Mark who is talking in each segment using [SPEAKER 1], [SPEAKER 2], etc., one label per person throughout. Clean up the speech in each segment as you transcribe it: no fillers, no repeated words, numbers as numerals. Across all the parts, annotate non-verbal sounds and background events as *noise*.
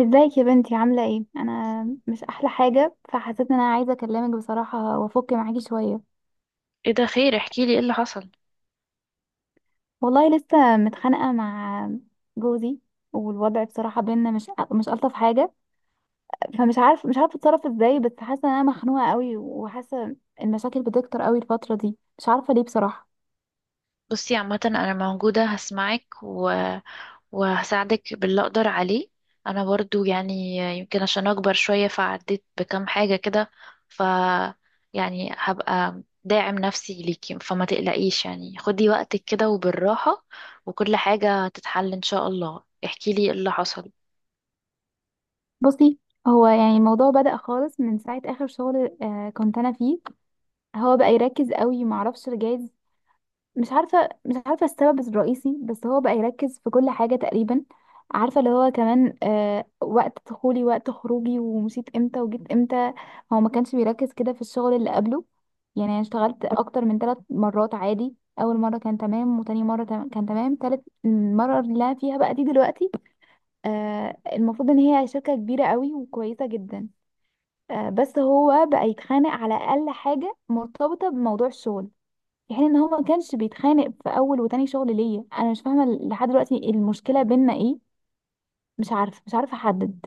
[SPEAKER 1] ازيك يا بنتي، عاملة ايه؟ انا مش احلى حاجة، فحسيت ان انا عايزة اكلمك بصراحة وافك معاكي شوية.
[SPEAKER 2] ايه ده، خير؟ احكي لي ايه اللي حصل.
[SPEAKER 1] والله لسه متخانقة مع جوزي، والوضع بصراحة بينا مش الطف حاجة. فمش عارف مش عارفة اتصرف ازاي، بس حاسة ان انا مخنوقة قوي، وحاسة المشاكل بتكتر قوي الفترة دي، مش عارفة ليه بصراحة.
[SPEAKER 2] بصي، عامة انا موجودة هسمعك وهساعدك باللي اقدر عليه. انا برضو يعني يمكن عشان اكبر شوية فعديت بكام حاجة كده، ف يعني هبقى داعم نفسي ليكي، فما تقلقيش، يعني خدي وقتك كده وبالراحة، وكل حاجة هتتحل ان شاء الله. احكي لي ايه اللي حصل.
[SPEAKER 1] بصي، هو يعني الموضوع بدأ خالص من ساعة اخر شغل، كنت انا فيه. هو بقى يركز قوي، معرفش جايز، مش عارفة السبب الرئيسي، بس هو بقى يركز في كل حاجة تقريبا. عارفة اللي هو كمان، وقت دخولي وقت خروجي ومشيت امتى وجيت امتى. هو ما كانش بيركز كده في الشغل اللي قبله. يعني انا اشتغلت اكتر من ثلاث مرات عادي، اول مرة كان تمام، وتاني مرة كان تمام، تالت مرة اللي أنا فيها بقى دي دلوقتي. المفروض ان هي شركة كبيرة قوي وكويسة جدا. بس هو بقى يتخانق على اقل حاجة مرتبطة بموضوع الشغل، في حين ان هو ما كانش بيتخانق في اول وتاني شغل ليا. انا مش فاهمه لحد دلوقتي المشكله بينا ايه، مش عارفه احدد.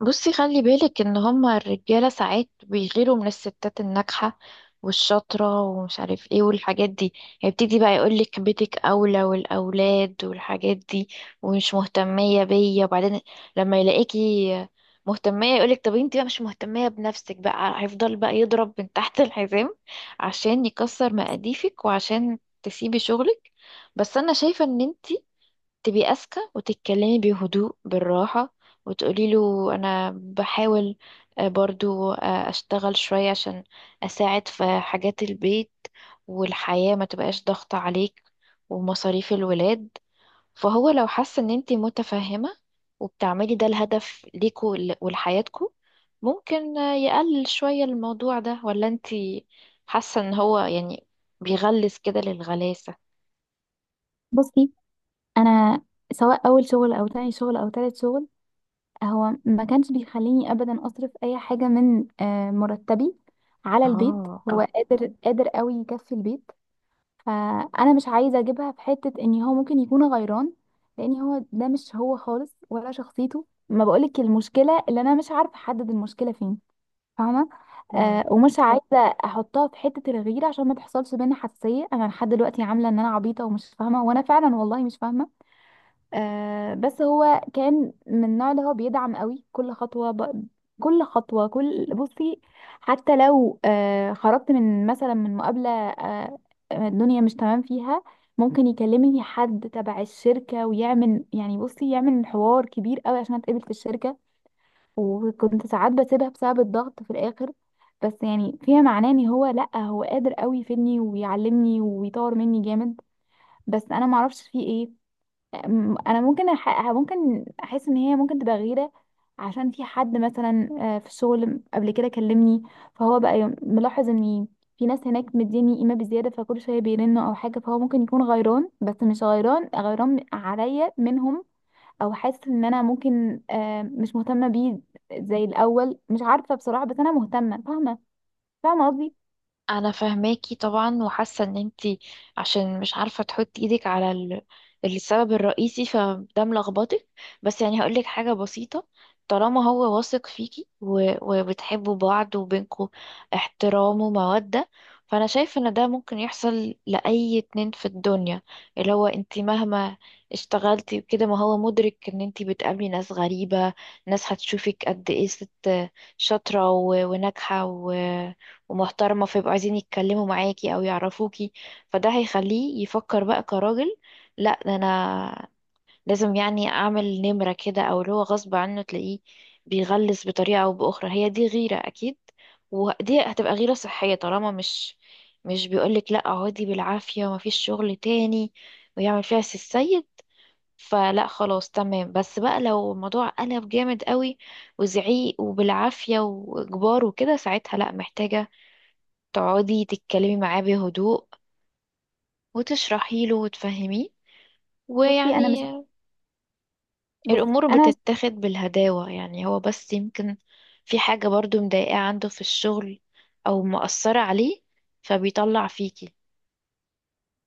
[SPEAKER 2] بصي، خلي بالك ان هما الرجالة ساعات بيغيروا من الستات الناجحة والشاطرة ومش عارف ايه والحاجات دي. هيبتدي بقى يقولك بيتك اولى والاولاد والحاجات دي ومش مهتمية بيا، وبعدين لما يلاقيكي مهتمية يقولك طب انتي بقى مش مهتمية بنفسك. بقى هيفضل بقى يضرب من تحت الحزام عشان يكسر مقاديفك وعشان تسيبي شغلك. بس انا شايفة ان انتي تبقي أذكى وتتكلمي بهدوء بالراحة وتقولي له أنا بحاول برضو أشتغل شوية عشان أساعد في حاجات البيت والحياة ما تبقاش ضغط عليك ومصاريف الولاد. فهو لو حس إن أنتي متفهمة وبتعملي ده الهدف ليكوا ولحياتكوا، ممكن يقلل شوية الموضوع ده. ولا أنتي حاسة إن هو يعني بيغلس كده للغلاسة؟
[SPEAKER 1] بصي، انا سواء اول شغل او تاني شغل او تالت شغل، هو ما كانش بيخليني ابدا اصرف اي حاجه من مرتبي على البيت.
[SPEAKER 2] اه،
[SPEAKER 1] هو قادر قادر قوي يكفي البيت، فانا مش عايزه اجيبها في حته ان هو ممكن يكون غيران، لان هو ده مش هو خالص ولا شخصيته. ما بقولك المشكله اللي انا مش عارفه احدد المشكله فين، فاهمه؟ ومش عايزه احطها في حته الغيره عشان ما تحصلش بينا حساسيه. انا لحد دلوقتي عامله ان انا عبيطه ومش فاهمه، وانا فعلا والله مش فاهمه. بس هو كان من النوع اللي هو بيدعم قوي كل خطوه، ب... كل خطوه كل بصي، حتى لو خرجت من مثلا من مقابله، الدنيا مش تمام فيها، ممكن يكلمني حد تبع الشركه ويعمل، يعني بصي، يعمل حوار كبير قوي عشان اتقبل في الشركه. وكنت ساعات بسيبها بسبب الضغط في الاخر. بس يعني فيها معناه ان هو، لا، هو قادر قوي يفيدني ويعلمني ويطور مني جامد. بس انا ما اعرفش فيه ايه. انا ممكن احس ان هي ممكن تبقى غيره، عشان في حد مثلا في الشغل قبل كده كلمني، فهو بقى ملاحظ ان في ناس هناك مديني قيمه بزياده، فكل شويه بيرنوا او حاجه، فهو ممكن يكون غيران، بس مش غيران غيران عليا منهم، او حاسه ان انا ممكن مش مهتمه بيه زي الاول. مش عارفه بصراحه، بس انا مهتمه، فاهمه؟ فاهمه قصدي.
[SPEAKER 2] انا فاهماكي طبعا، وحاسه ان انتي عشان مش عارفه تحطي ايدك على السبب الرئيسي، فده ملخبطك. بس يعني هقولك حاجه بسيطه، طالما هو واثق فيكي وبتحبوا بعض وبينكوا احترام وموده، فانا شايفه ان ده ممكن يحصل لاي اتنين في الدنيا. اللي هو انتي مهما اشتغلتي وكده، ما هو مدرك ان انتي بتقابلي ناس غريبه، ناس هتشوفك قد ايه ست شاطره وناجحه ومحترمة، فيبقوا عايزين يتكلموا معاكي أو يعرفوكي. فده هيخليه يفكر بقى كراجل، لا ده أنا لازم يعني أعمل نمرة كده، أو اللي هو غصب عنه تلاقيه بيغلس بطريقة أو بأخرى. هي دي غيرة أكيد، ودي هتبقى غيرة صحية طالما مش بيقولك لا اقعدي بالعافية ومفيش شغل تاني ويعمل فيها سي السيد. فلا، خلاص تمام. بس بقى لو الموضوع قلب جامد قوي وزعيق وبالعافية وإجبار وكده، ساعتها لا، محتاجة تقعدي تتكلمي معاه بهدوء وتشرحي له وتفهميه.
[SPEAKER 1] بصي انا مش
[SPEAKER 2] ويعني
[SPEAKER 1] بصي
[SPEAKER 2] الأمور
[SPEAKER 1] انا
[SPEAKER 2] بتتاخد بالهداوة. يعني هو بس يمكن في حاجة برضو مضايقاه عنده في الشغل أو مأثرة عليه، فبيطلع فيكي.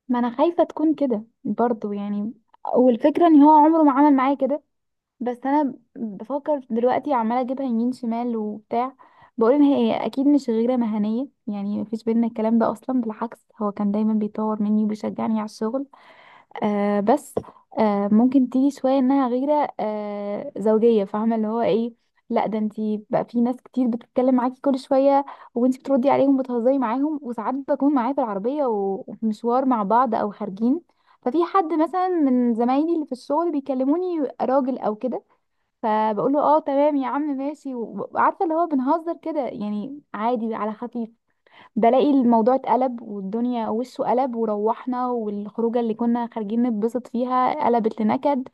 [SPEAKER 1] ما انا خايفه تكون كده برضو يعني، والفكره ان هو عمره ما عمل معايا كده، بس انا بفكر دلوقتي عماله اجيبها يمين شمال وبتاع. بقول ان هي اكيد مش غيره مهنيه، يعني مفيش بينا الكلام ده اصلا، بالعكس هو كان دايما بيطور مني وبيشجعني على الشغل. بس ممكن تيجي شوية انها غيرة زوجية، فاهمة اللي هو ايه؟ لا ده انتي بقى في ناس كتير بتتكلم معاكي كل شوية، وانتي بتردي عليهم وبتهزري معاهم، وساعات بكون معايا في العربية و- وفي مشوار مع بعض او خارجين. ففي حد مثلا من زمايلي اللي في الشغل بيكلموني راجل او كده، فبقول له اه تمام يا عم ماشي، وعارفة اللي هو بنهزر كده يعني عادي على خفيف. بلاقي الموضوع اتقلب والدنيا وشه قلب وروحنا، والخروجه اللي كنا خارجين نتبسط فيها قلبت لنكد.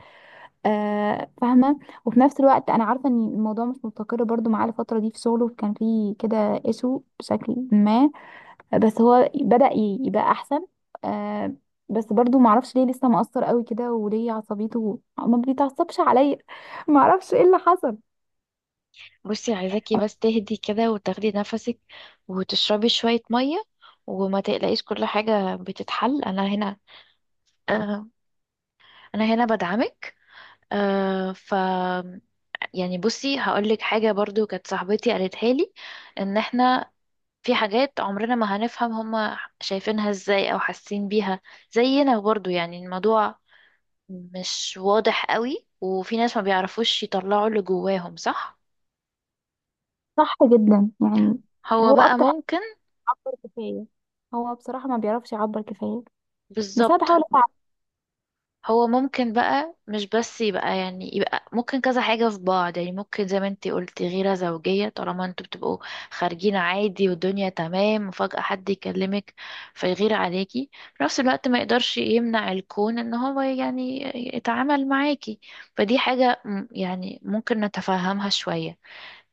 [SPEAKER 1] آه، فاهمه. وفي نفس الوقت انا عارفه ان الموضوع مش مستقر برضو معاه الفتره دي، في شغله كان فيه كده ايشو بشكل ما، بس هو بدأ يبقى احسن. آه بس برضو معرفش ليه لسه مقصر قوي كده، وليه عصبيته ما بيتعصبش عليا. *laughs* معرفش ايه اللي حصل.
[SPEAKER 2] بصي، عايزاكي بس تهدي كده وتاخدي نفسك وتشربي شوية مية، وما تقلقيش، كل حاجة بتتحل. أنا هنا، آه، أنا هنا بدعمك. آه، ف يعني بصي هقولك حاجة برضو كانت صاحبتي قالتها لي، ان احنا في حاجات عمرنا ما هنفهم هما شايفينها ازاي او حاسين بيها زينا. برضو يعني الموضوع مش واضح قوي، وفي ناس ما بيعرفوش يطلعوا اللي جواهم صح.
[SPEAKER 1] صح جدا يعني،
[SPEAKER 2] هو
[SPEAKER 1] هو
[SPEAKER 2] بقى
[SPEAKER 1] اكتر حاجه
[SPEAKER 2] ممكن.
[SPEAKER 1] بيعبر كفايه، هو بصراحه ما بيعرفش يعبر كفايه، بس انا
[SPEAKER 2] بالظبط.
[SPEAKER 1] بحاول اتعب.
[SPEAKER 2] هو ممكن بقى مش بس يبقى يعني يبقى ممكن كذا حاجة في بعض. يعني ممكن زي ما انتي قلتي غيرة زوجية، طالما انتوا بتبقوا خارجين عادي والدنيا تمام وفجأة حد يكلمك فيغير عليكي، في نفس الوقت ما يقدرش يمنع الكون ان هو يعني يتعامل معاكي. يعني ممكن نتفهمها شوية.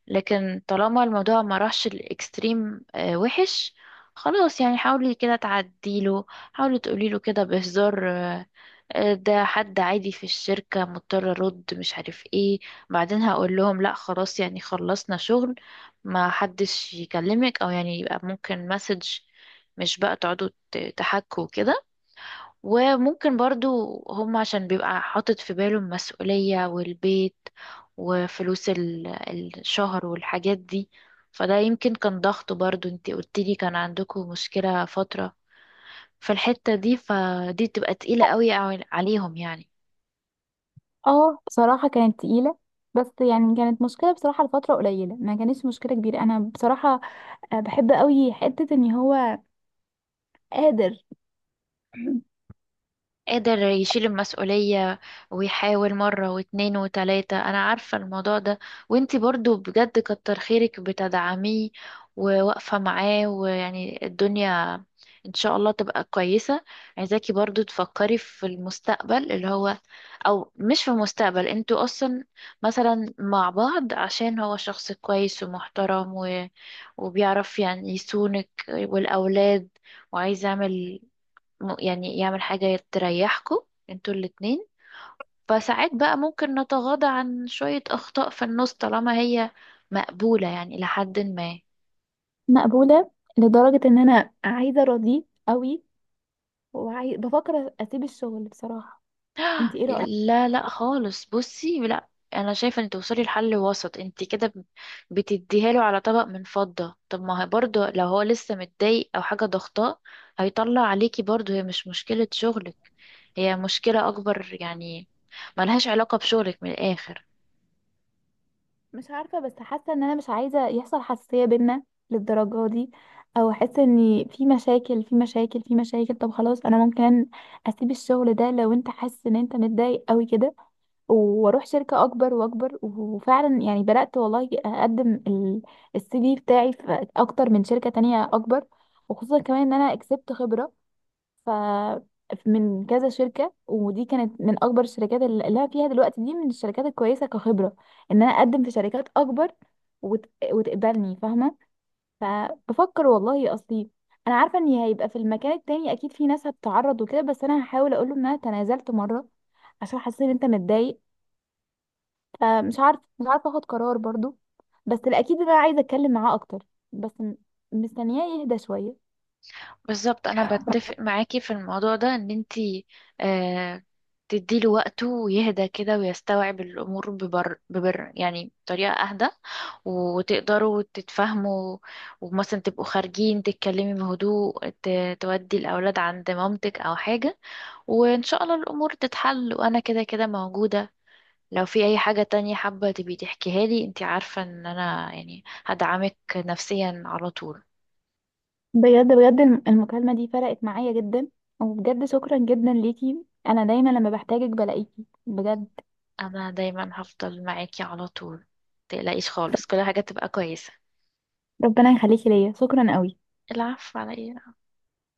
[SPEAKER 2] لكن طالما الموضوع ما راحش الاكستريم وحش، خلاص، يعني حاولي كده تعديله. حاولي تقوليله كده بهزار، ده حد عادي في الشركة، مضطر ارد مش عارف ايه. بعدين هقول لهم لا خلاص يعني خلصنا شغل، ما حدش يكلمك، او يعني يبقى ممكن مسج، مش بقى تقعدوا تحكوا كده. وممكن برضو هم عشان بيبقى حاطط في باله المسؤولية والبيت وفلوس الشهر والحاجات دي. فده يمكن كان ضغط. برضو انتي قلتلي كان عندكم مشكلة فترة في الحتة دي، فدي تبقى تقيلة قوي عليهم يعني.
[SPEAKER 1] اه، بصراحه كانت تقيله، بس يعني كانت مشكله بصراحه لفتره قليله، ما كانتش مشكله كبيره. انا بصراحه بحب قوي حته ان هو قادر. *clears throat*
[SPEAKER 2] قادر يشيل المسؤولية ويحاول مرة واتنين وتلاتة، أنا عارفة الموضوع ده. وانتي برضو بجد كتر خيرك بتدعميه وواقفة معاه، ويعني الدنيا إن شاء الله تبقى كويسة. عايزاكي برضو تفكري في المستقبل اللي هو، أو مش في المستقبل، انتوا أصلا مثلا مع بعض عشان هو شخص كويس ومحترم وبيعرف يعني يصونك والأولاد، وعايز يعمل يعني يعمل حاجة تريحكوا انتوا الاتنين. فساعات بقى ممكن نتغاضى عن شوية أخطاء في النص طالما هي مقبولة يعني إلى حد ما.
[SPEAKER 1] مقبوله، لدرجه ان انا عايزه ارضيه قوي، بفكر اسيب الشغل بصراحه. انت ايه رايك؟
[SPEAKER 2] لا لا، خالص، بصي لا. أنا شايفة إن توصلي لحل وسط. انت كده بتديها له على طبق من فضة. طب ما هي برضه لو هو لسه متضايق أو حاجة ضغطاه، هيطلع عليكي برضه. هي مش مشكلة شغلك، هي مشكلة أكبر يعني، ملهاش علاقة بشغلك من الآخر.
[SPEAKER 1] مش عارفه، بس حاسه ان انا مش عايزه يحصل حساسيه بينا للدرجه دي، او احس ان في مشاكل في مشاكل في مشاكل. طب خلاص، انا ممكن اسيب الشغل ده لو انت حاسس ان انت متضايق قوي كده، واروح شركة اكبر واكبر. وفعلا يعني بدأت والله اقدم CV بتاعي في اكتر من شركة تانية اكبر، وخصوصا كمان ان انا كسبت خبرة ف من كذا شركة، ودي كانت من اكبر الشركات، اللي انا فيها دلوقتي دي من الشركات الكويسة كخبرة، ان انا اقدم في شركات اكبر وت... وتقبلني، فاهمة؟ فبفكر والله اصلي. انا عارفة ان هيبقى في المكان التاني اكيد في ناس هتتعرض وكده، بس انا هحاول اقول له ان انا تنازلت مرة عشان حاسس ان انت متضايق. فمش عارف مش عارفه اخد قرار برضو، بس الاكيد ان انا عايزه اتكلم معاه اكتر، بس مستنياه يهدى شويه.
[SPEAKER 2] بالظبط، انا بتفق معاكي في الموضوع ده، ان انتي آه تديله وقته ويهدى كده ويستوعب الامور ببر يعني بطريقه اهدى، وتقدروا تتفاهموا. ومثلا تبقوا خارجين تتكلمي بهدوء، تودي الاولاد عند مامتك او حاجه، وان شاء الله الامور تتحل. وانا كده كده موجوده، لو في اي حاجه تانية حابه تبي تحكيها لي، انتي عارفه ان انا يعني هدعمك نفسيا على طول.
[SPEAKER 1] بجد بجد، المكالمه دي فرقت معايا جدا، وبجد شكرا جدا ليكي، انا دايما لما بحتاجك بلاقيكي بجد.
[SPEAKER 2] انا دايما هفضل معاكي على طول، متقلقيش خالص، كل حاجة تبقى كويسة.
[SPEAKER 1] ربنا يخليكي ليا، شكرا قوي.
[SPEAKER 2] العفو على ايه.